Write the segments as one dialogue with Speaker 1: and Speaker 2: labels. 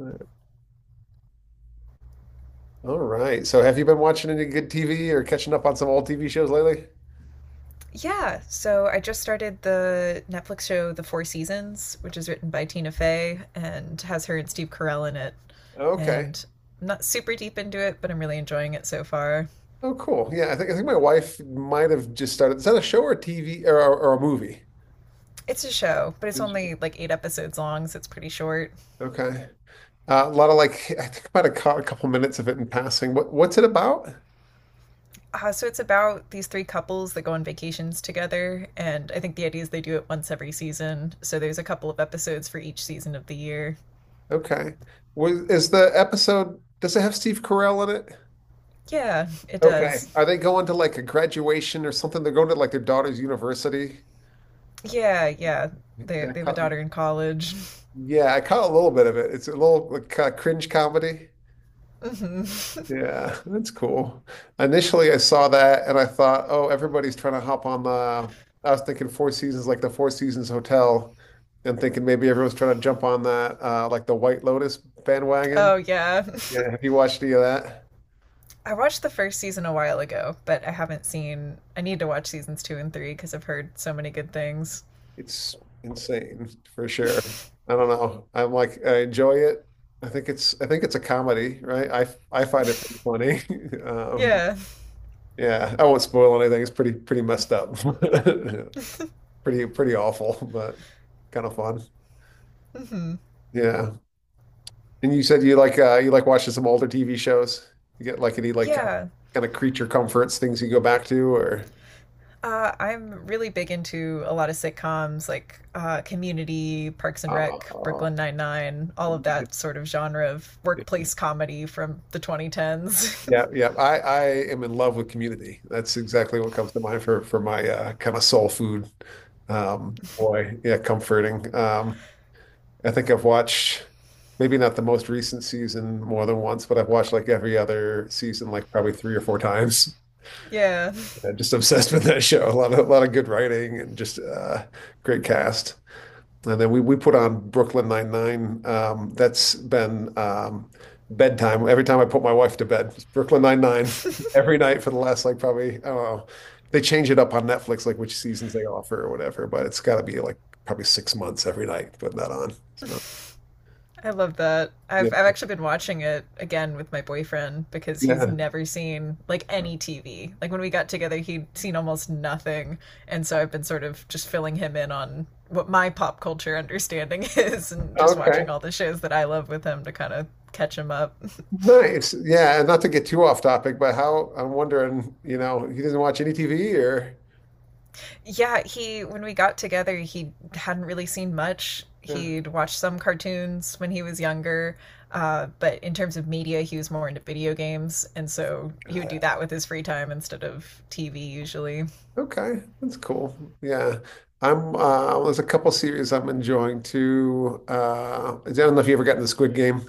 Speaker 1: All right. So have you been watching any good TV or catching up on some old TV shows lately?
Speaker 2: Yeah, so I just started the Netflix show The Four Seasons, which is written by Tina Fey and has her and Steve Carell in it.
Speaker 1: Okay.
Speaker 2: And I'm not super deep into it, but I'm really enjoying it so far.
Speaker 1: Oh, cool. Yeah, I think my wife might have just started. Is that a show or a TV or a movie?
Speaker 2: It's a show, but it's
Speaker 1: Is she?
Speaker 2: only like eight episodes long, so it's pretty short.
Speaker 1: Okay. A lot of like I think about a couple minutes of it in passing. What's it about?
Speaker 2: So it's about these three couples that go on vacations together, and I think the idea is they do it once every season. So there's a couple of episodes for each season of the year.
Speaker 1: Okay. Was is the episode, does it have Steve Carell in it?
Speaker 2: Yeah, it
Speaker 1: Okay.
Speaker 2: does.
Speaker 1: Are they going to like a graduation or something? They're going to like their daughter's university.
Speaker 2: Yeah, yeah. They
Speaker 1: Yeah, I
Speaker 2: they have a
Speaker 1: caught,
Speaker 2: daughter in college.
Speaker 1: yeah, I caught a little bit of it. It's a little like cringe comedy.
Speaker 2: Mhm.
Speaker 1: Yeah, that's cool. Initially, I saw that and I thought, oh, everybody's trying to hop on the. I was thinking Four Seasons, like the Four Seasons Hotel, and thinking maybe everyone's trying to jump on that, like the White Lotus bandwagon.
Speaker 2: Oh yeah.
Speaker 1: Yeah, have you watched any of that?
Speaker 2: I watched the first season a while ago, but I haven't seen I need to watch seasons 2 and 3 cuz I've heard so many good things.
Speaker 1: It's insane for sure. I don't know. I'm like, I enjoy it. I think it's a comedy, right? I find it pretty funny. Um,
Speaker 2: Yeah.
Speaker 1: yeah, I won't spoil anything. It's pretty, pretty messed up. pretty pretty awful, but kind of fun.
Speaker 2: Hmm.
Speaker 1: Yeah. And you said you like watching some older TV shows. You get like any like
Speaker 2: Yeah.
Speaker 1: kind of creature comforts, things you go back to or.
Speaker 2: I'm really big into a lot of sitcoms like Community, Parks and Rec,
Speaker 1: Oh,
Speaker 2: Brooklyn Nine-Nine, all of that
Speaker 1: nice.
Speaker 2: sort of genre of workplace comedy from the 2010s.
Speaker 1: Yeah, yeah. I am in love with Community. That's exactly what comes to mind for my kind of soul food. Boy, yeah, comforting. I think I've watched maybe not the most recent season more than once, but I've watched like every other season like probably three or four times.
Speaker 2: Yeah.
Speaker 1: I'm just obsessed with that show. A lot of good writing and just great cast. And then we put on Brooklyn Nine-Nine. That's been bedtime. Every time I put my wife to bed, it's Brooklyn Nine-Nine every night for the last like probably I don't know. They change it up on Netflix, like which seasons they offer or whatever. But it's got to be like probably 6 months every night putting that on. So
Speaker 2: I love that.
Speaker 1: yeah,
Speaker 2: I've actually been watching it again with my boyfriend because he's
Speaker 1: yeah,
Speaker 2: never seen like any TV. Like when we got together, he'd seen almost nothing, and so I've been sort of just filling him in on what my pop culture understanding is, and just watching
Speaker 1: okay,
Speaker 2: all the shows that I love with him to kind of catch him up.
Speaker 1: nice. Yeah, and not to get too off topic, but how I'm wondering, you know, he doesn't watch any TV or.
Speaker 2: Yeah, he when we got together, he hadn't really seen much.
Speaker 1: Yeah.
Speaker 2: He'd watched some cartoons when he was younger, but in terms of media, he was more into video games, and so he
Speaker 1: Uh,
Speaker 2: would do that with his free time instead of TV usually.
Speaker 1: Okay, that's cool. Yeah. I'm there's a couple series I'm enjoying too. I don't know if you ever got into the Squid Game.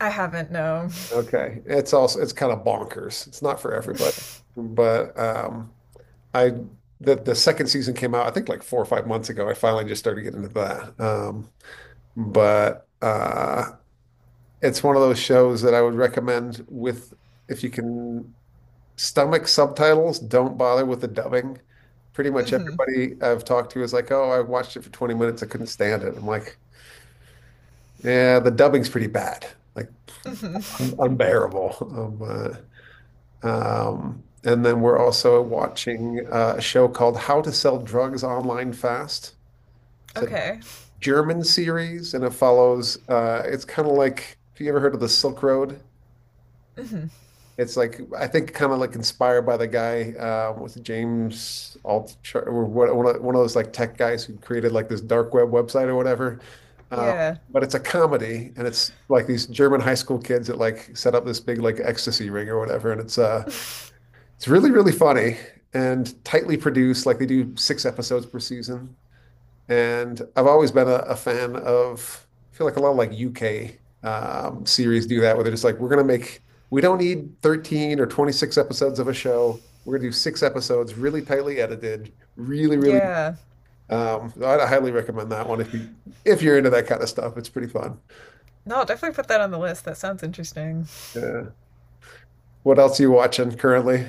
Speaker 2: I haven't, no.
Speaker 1: Okay. It's also, it's kind of bonkers. It's not for everybody. But I the second season came out I think like 4 or 5 months ago. I finally just started getting into that. But it's one of those shows that I would recommend with, if you can stomach subtitles, don't bother with the dubbing. Pretty much
Speaker 2: Hmm.
Speaker 1: everybody I've talked to is like, "Oh, I watched it for 20 minutes. I couldn't stand it." I'm like, "Yeah, the dubbing's pretty bad, like
Speaker 2: Hmm.
Speaker 1: un unbearable." Um, and then we're also watching a show called How to Sell Drugs Online Fast. It's a
Speaker 2: Okay.
Speaker 1: German series, and it follows. It's kind of like, have you ever heard of the Silk Road?
Speaker 2: Hmm.
Speaker 1: It's like I think kind of like inspired by the guy with James Altucher or what, one of those like tech guys who created like this dark web website or whatever. Uh,
Speaker 2: Yeah.
Speaker 1: but it's a comedy, and it's like these German high school kids that like set up this big like ecstasy ring or whatever, and it's really really funny and tightly produced. Like they do six episodes per season. And I've always been a fan of, I feel like a lot of like UK series do that, where they're just like, we're going to make, we don't need 13 or 26 episodes of a show. We're going to do six episodes, really tightly edited, really, really.
Speaker 2: Yeah.
Speaker 1: I highly recommend that one if you're into that kind of stuff. It's pretty fun.
Speaker 2: No, I'll definitely put that on the list. That sounds interesting.
Speaker 1: Yeah. What else are you watching currently?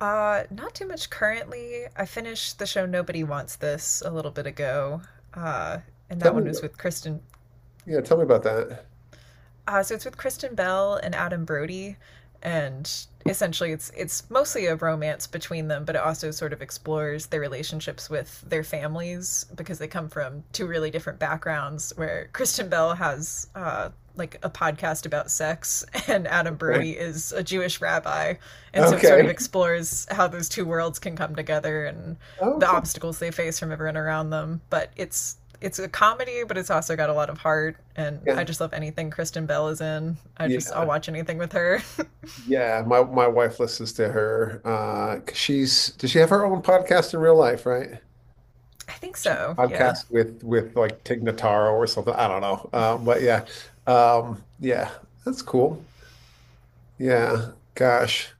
Speaker 2: Not too much currently. I finished the show Nobody Wants This a little bit ago. Uh, and
Speaker 1: Tell
Speaker 2: that one
Speaker 1: me
Speaker 2: was
Speaker 1: about, it.
Speaker 2: with Kristen.
Speaker 1: Yeah, tell me about that.
Speaker 2: So it's with Kristen Bell and Adam Brody, and essentially it's mostly a romance between them, but it also sort of explores their relationships with their families because they come from two really different backgrounds. Where Kristen Bell has like a podcast about sex, and Adam
Speaker 1: Okay.
Speaker 2: Brody is a Jewish rabbi, and so it sort of
Speaker 1: Okay.
Speaker 2: explores how those two worlds can come together and
Speaker 1: Oh,
Speaker 2: the
Speaker 1: cool.
Speaker 2: obstacles they face from everyone around them. But it's a comedy, but it's also got a lot of heart. And I
Speaker 1: Yeah.
Speaker 2: just love anything Kristen Bell is in. I just
Speaker 1: Yeah.
Speaker 2: I'll watch anything with her.
Speaker 1: Yeah, my wife listens to her. 'Cause she's does she have her own podcast in real life, right?
Speaker 2: I think so. Yeah,
Speaker 1: Podcast with like Tig Notaro or something. I don't know. Yeah, that's cool. Yeah, gosh,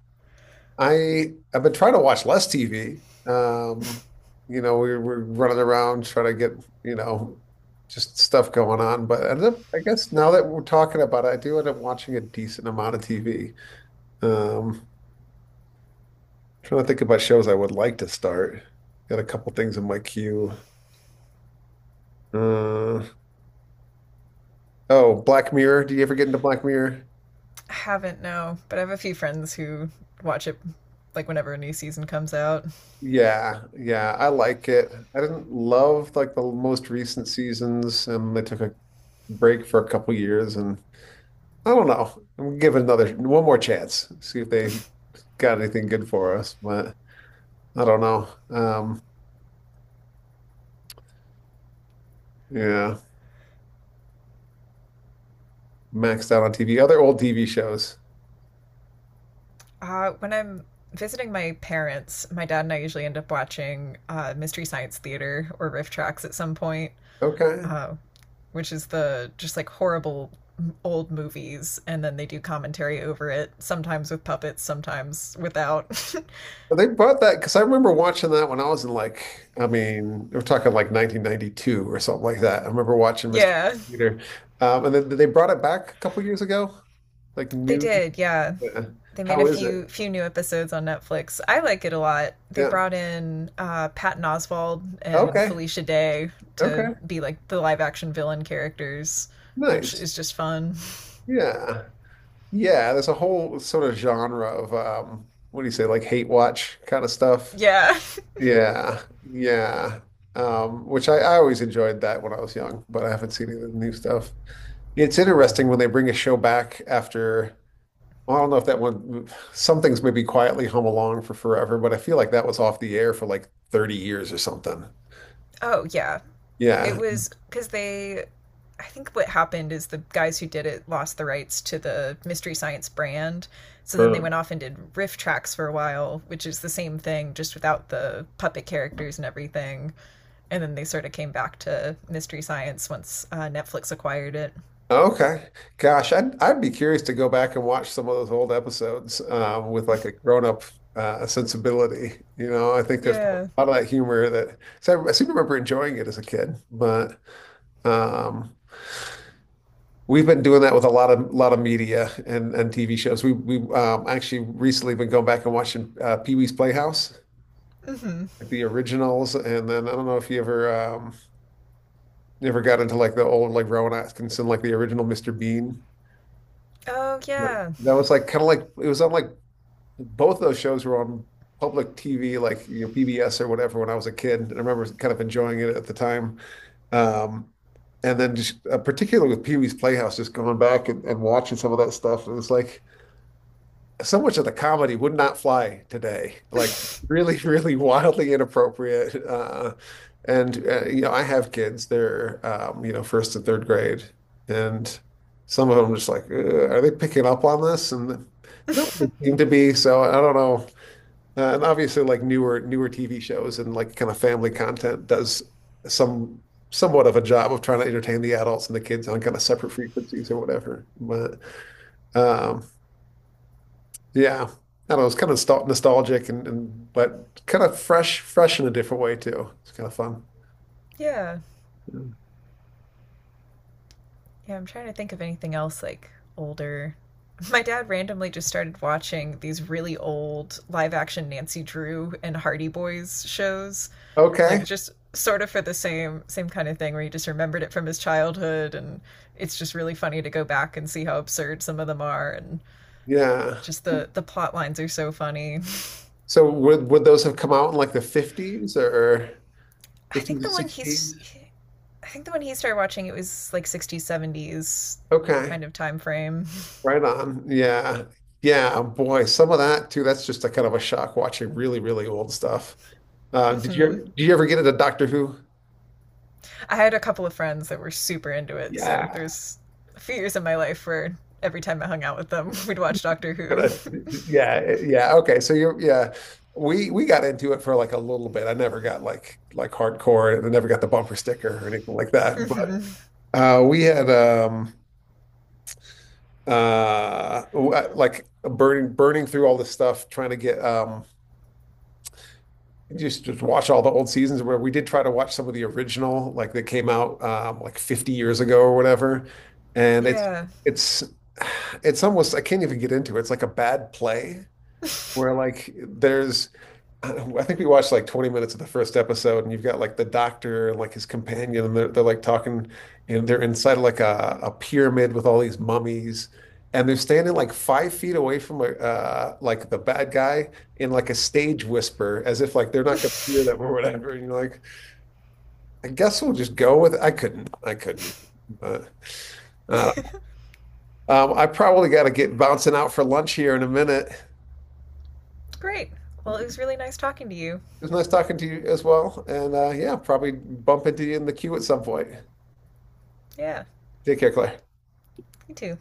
Speaker 1: I've been trying to watch less TV. You know, we're running around trying to get you know just stuff going on. But I, don't- I guess now that we're talking about it, I do end up watching a decent amount of TV. Um, Trying to think about shows I would like to start. Got a couple things in my queue. Uh, oh, Black Mirror. Did you ever get into Black Mirror?
Speaker 2: I haven't, no, but I have a few friends who watch it like whenever a new season comes out.
Speaker 1: Yeah, yeah, I like it. I didn't love like the most recent seasons, and they took a break for a couple years, and I don't know. I'm gonna give it another one more chance, see if they got anything good for us. But I don't know. Yeah, maxed out on TV. Other old TV shows.
Speaker 2: When I'm visiting my parents, my dad and I usually end up watching Mystery Science Theater or Riff Tracks at some point.
Speaker 1: Okay.
Speaker 2: Um, which is the just like horrible old movies, and then they do commentary over it, sometimes with puppets, sometimes without.
Speaker 1: They bought that because I remember watching that when I was in like, I mean, we're talking like 1992 or something like that. I remember watching Mr.
Speaker 2: Yeah,
Speaker 1: Peter. And then they brought it back a couple years ago, like
Speaker 2: they
Speaker 1: new.
Speaker 2: did. Yeah,
Speaker 1: Yeah.
Speaker 2: they made a
Speaker 1: How is
Speaker 2: few
Speaker 1: it?
Speaker 2: few new episodes on Netflix. I like it a lot. They
Speaker 1: Yeah.
Speaker 2: brought in Patton Oswalt and
Speaker 1: Okay.
Speaker 2: Felicia Day to
Speaker 1: Okay.
Speaker 2: be like the live action villain characters, which
Speaker 1: Nice.
Speaker 2: is just fun.
Speaker 1: Yeah. Yeah. There's a whole sort of genre of, what do you say, like hate watch kind of stuff.
Speaker 2: Yeah.
Speaker 1: Yeah. Yeah. Which I always enjoyed that when I was young, but I haven't seen any of the new stuff. It's interesting when they bring a show back after, well, I don't know if that one, some things maybe quietly hum along for forever, but I feel like that was off the air for like 30 years or something.
Speaker 2: Oh yeah. It
Speaker 1: Yeah.
Speaker 2: was because they I think what happened is the guys who did it lost the rights to the Mystery Science brand. So then they
Speaker 1: Uh,
Speaker 2: went off and did riff tracks for a while, which is the same thing, just without the puppet characters and everything. And then they sort of came back to Mystery Science once Netflix acquired it.
Speaker 1: Okay. Gosh, I'd be curious to go back and watch some of those old episodes with like a grown-up sensibility. You know, I think there's a
Speaker 2: Yeah.
Speaker 1: lot of that humor that so I seem to remember enjoying it as a kid, but um, we've been doing that with a lot of media and TV shows. We've actually recently been going back and watching Pee-wee's Playhouse,
Speaker 2: Mm-hmm.
Speaker 1: like the originals. And then I don't know if you ever got into like the old like Rowan Atkinson, like the original Mr. Bean.
Speaker 2: Oh,
Speaker 1: But
Speaker 2: yeah.
Speaker 1: that was like kind of like it was on like both those shows were on public TV, like you know PBS or whatever when I was a kid. And I remember kind of enjoying it at the time. Um, And then just particularly with Pee-wee's Playhouse, just going back and watching some of that stuff. And it's like so much of the comedy would not fly today. Like really, really wildly inappropriate. And you know, I have kids. They're first and third grade, and some of them just like, are they picking up on this?" And they don't really seem to be. So I don't know. And obviously, like newer TV shows and like kind of family content does some somewhat of a job of trying to entertain the adults and the kids on kind of separate frequencies or whatever. But um, yeah. I don't know. It's kind of nostalgic and but kind of fresh, fresh in a different way too. It's kind of fun.
Speaker 2: Yeah.
Speaker 1: Yeah.
Speaker 2: Yeah, I'm trying to think of anything else like older. My dad randomly just started watching these really old live action Nancy Drew and Hardy Boys shows, like
Speaker 1: Okay.
Speaker 2: just sort of for the same kind of thing where he just remembered it from his childhood and it's just really funny to go back and see how absurd some of them are and
Speaker 1: Yeah.
Speaker 2: just the plot lines are so funny.
Speaker 1: So would those have come out in like the 50s or
Speaker 2: I
Speaker 1: 50s
Speaker 2: think
Speaker 1: to
Speaker 2: the one he's
Speaker 1: 60s?
Speaker 2: I think the one he started watching it was like 60s 70s
Speaker 1: Okay.
Speaker 2: kind of time frame.
Speaker 1: Right on. Yeah. Yeah, boy, some of that too. That's just a kind of a shock watching really, really old stuff. Uh, did you did you ever get into Doctor Who?
Speaker 2: I had a couple of friends that were super into it, so
Speaker 1: Yeah.
Speaker 2: there's a few years in my life where every time I hung out with them, we'd watch Doctor Who.
Speaker 1: yeah, yeah. Okay, so you're yeah. We got into it for like a little bit. I never got like hardcore. And I never got the bumper sticker or anything like that. But
Speaker 2: Hmm.
Speaker 1: we had like burning through all this stuff, trying to get just watch all the old seasons. Where we did try to watch some of the original, like that came out like 50 years ago or whatever. And
Speaker 2: Yeah.
Speaker 1: it's it's almost I can't even get into it. It's like a bad play where like there's I don't know, I think we watched like 20 minutes of the first episode, and you've got like the doctor and like his companion, and they're like talking, and they're inside of like a pyramid with all these mummies, and they're standing like 5 feet away from like the bad guy in like a stage whisper, as if like they're not going to hear them or whatever. And you're like, I guess we'll just go with it. I couldn't even. But uh, I probably got to get bouncing out for lunch here in a minute. It
Speaker 2: Great. Well, it was really nice talking to you.
Speaker 1: was nice talking to you as well, and yeah, probably bump into you in the queue at some point.
Speaker 2: Yeah,
Speaker 1: Take care, Claire.
Speaker 2: you too.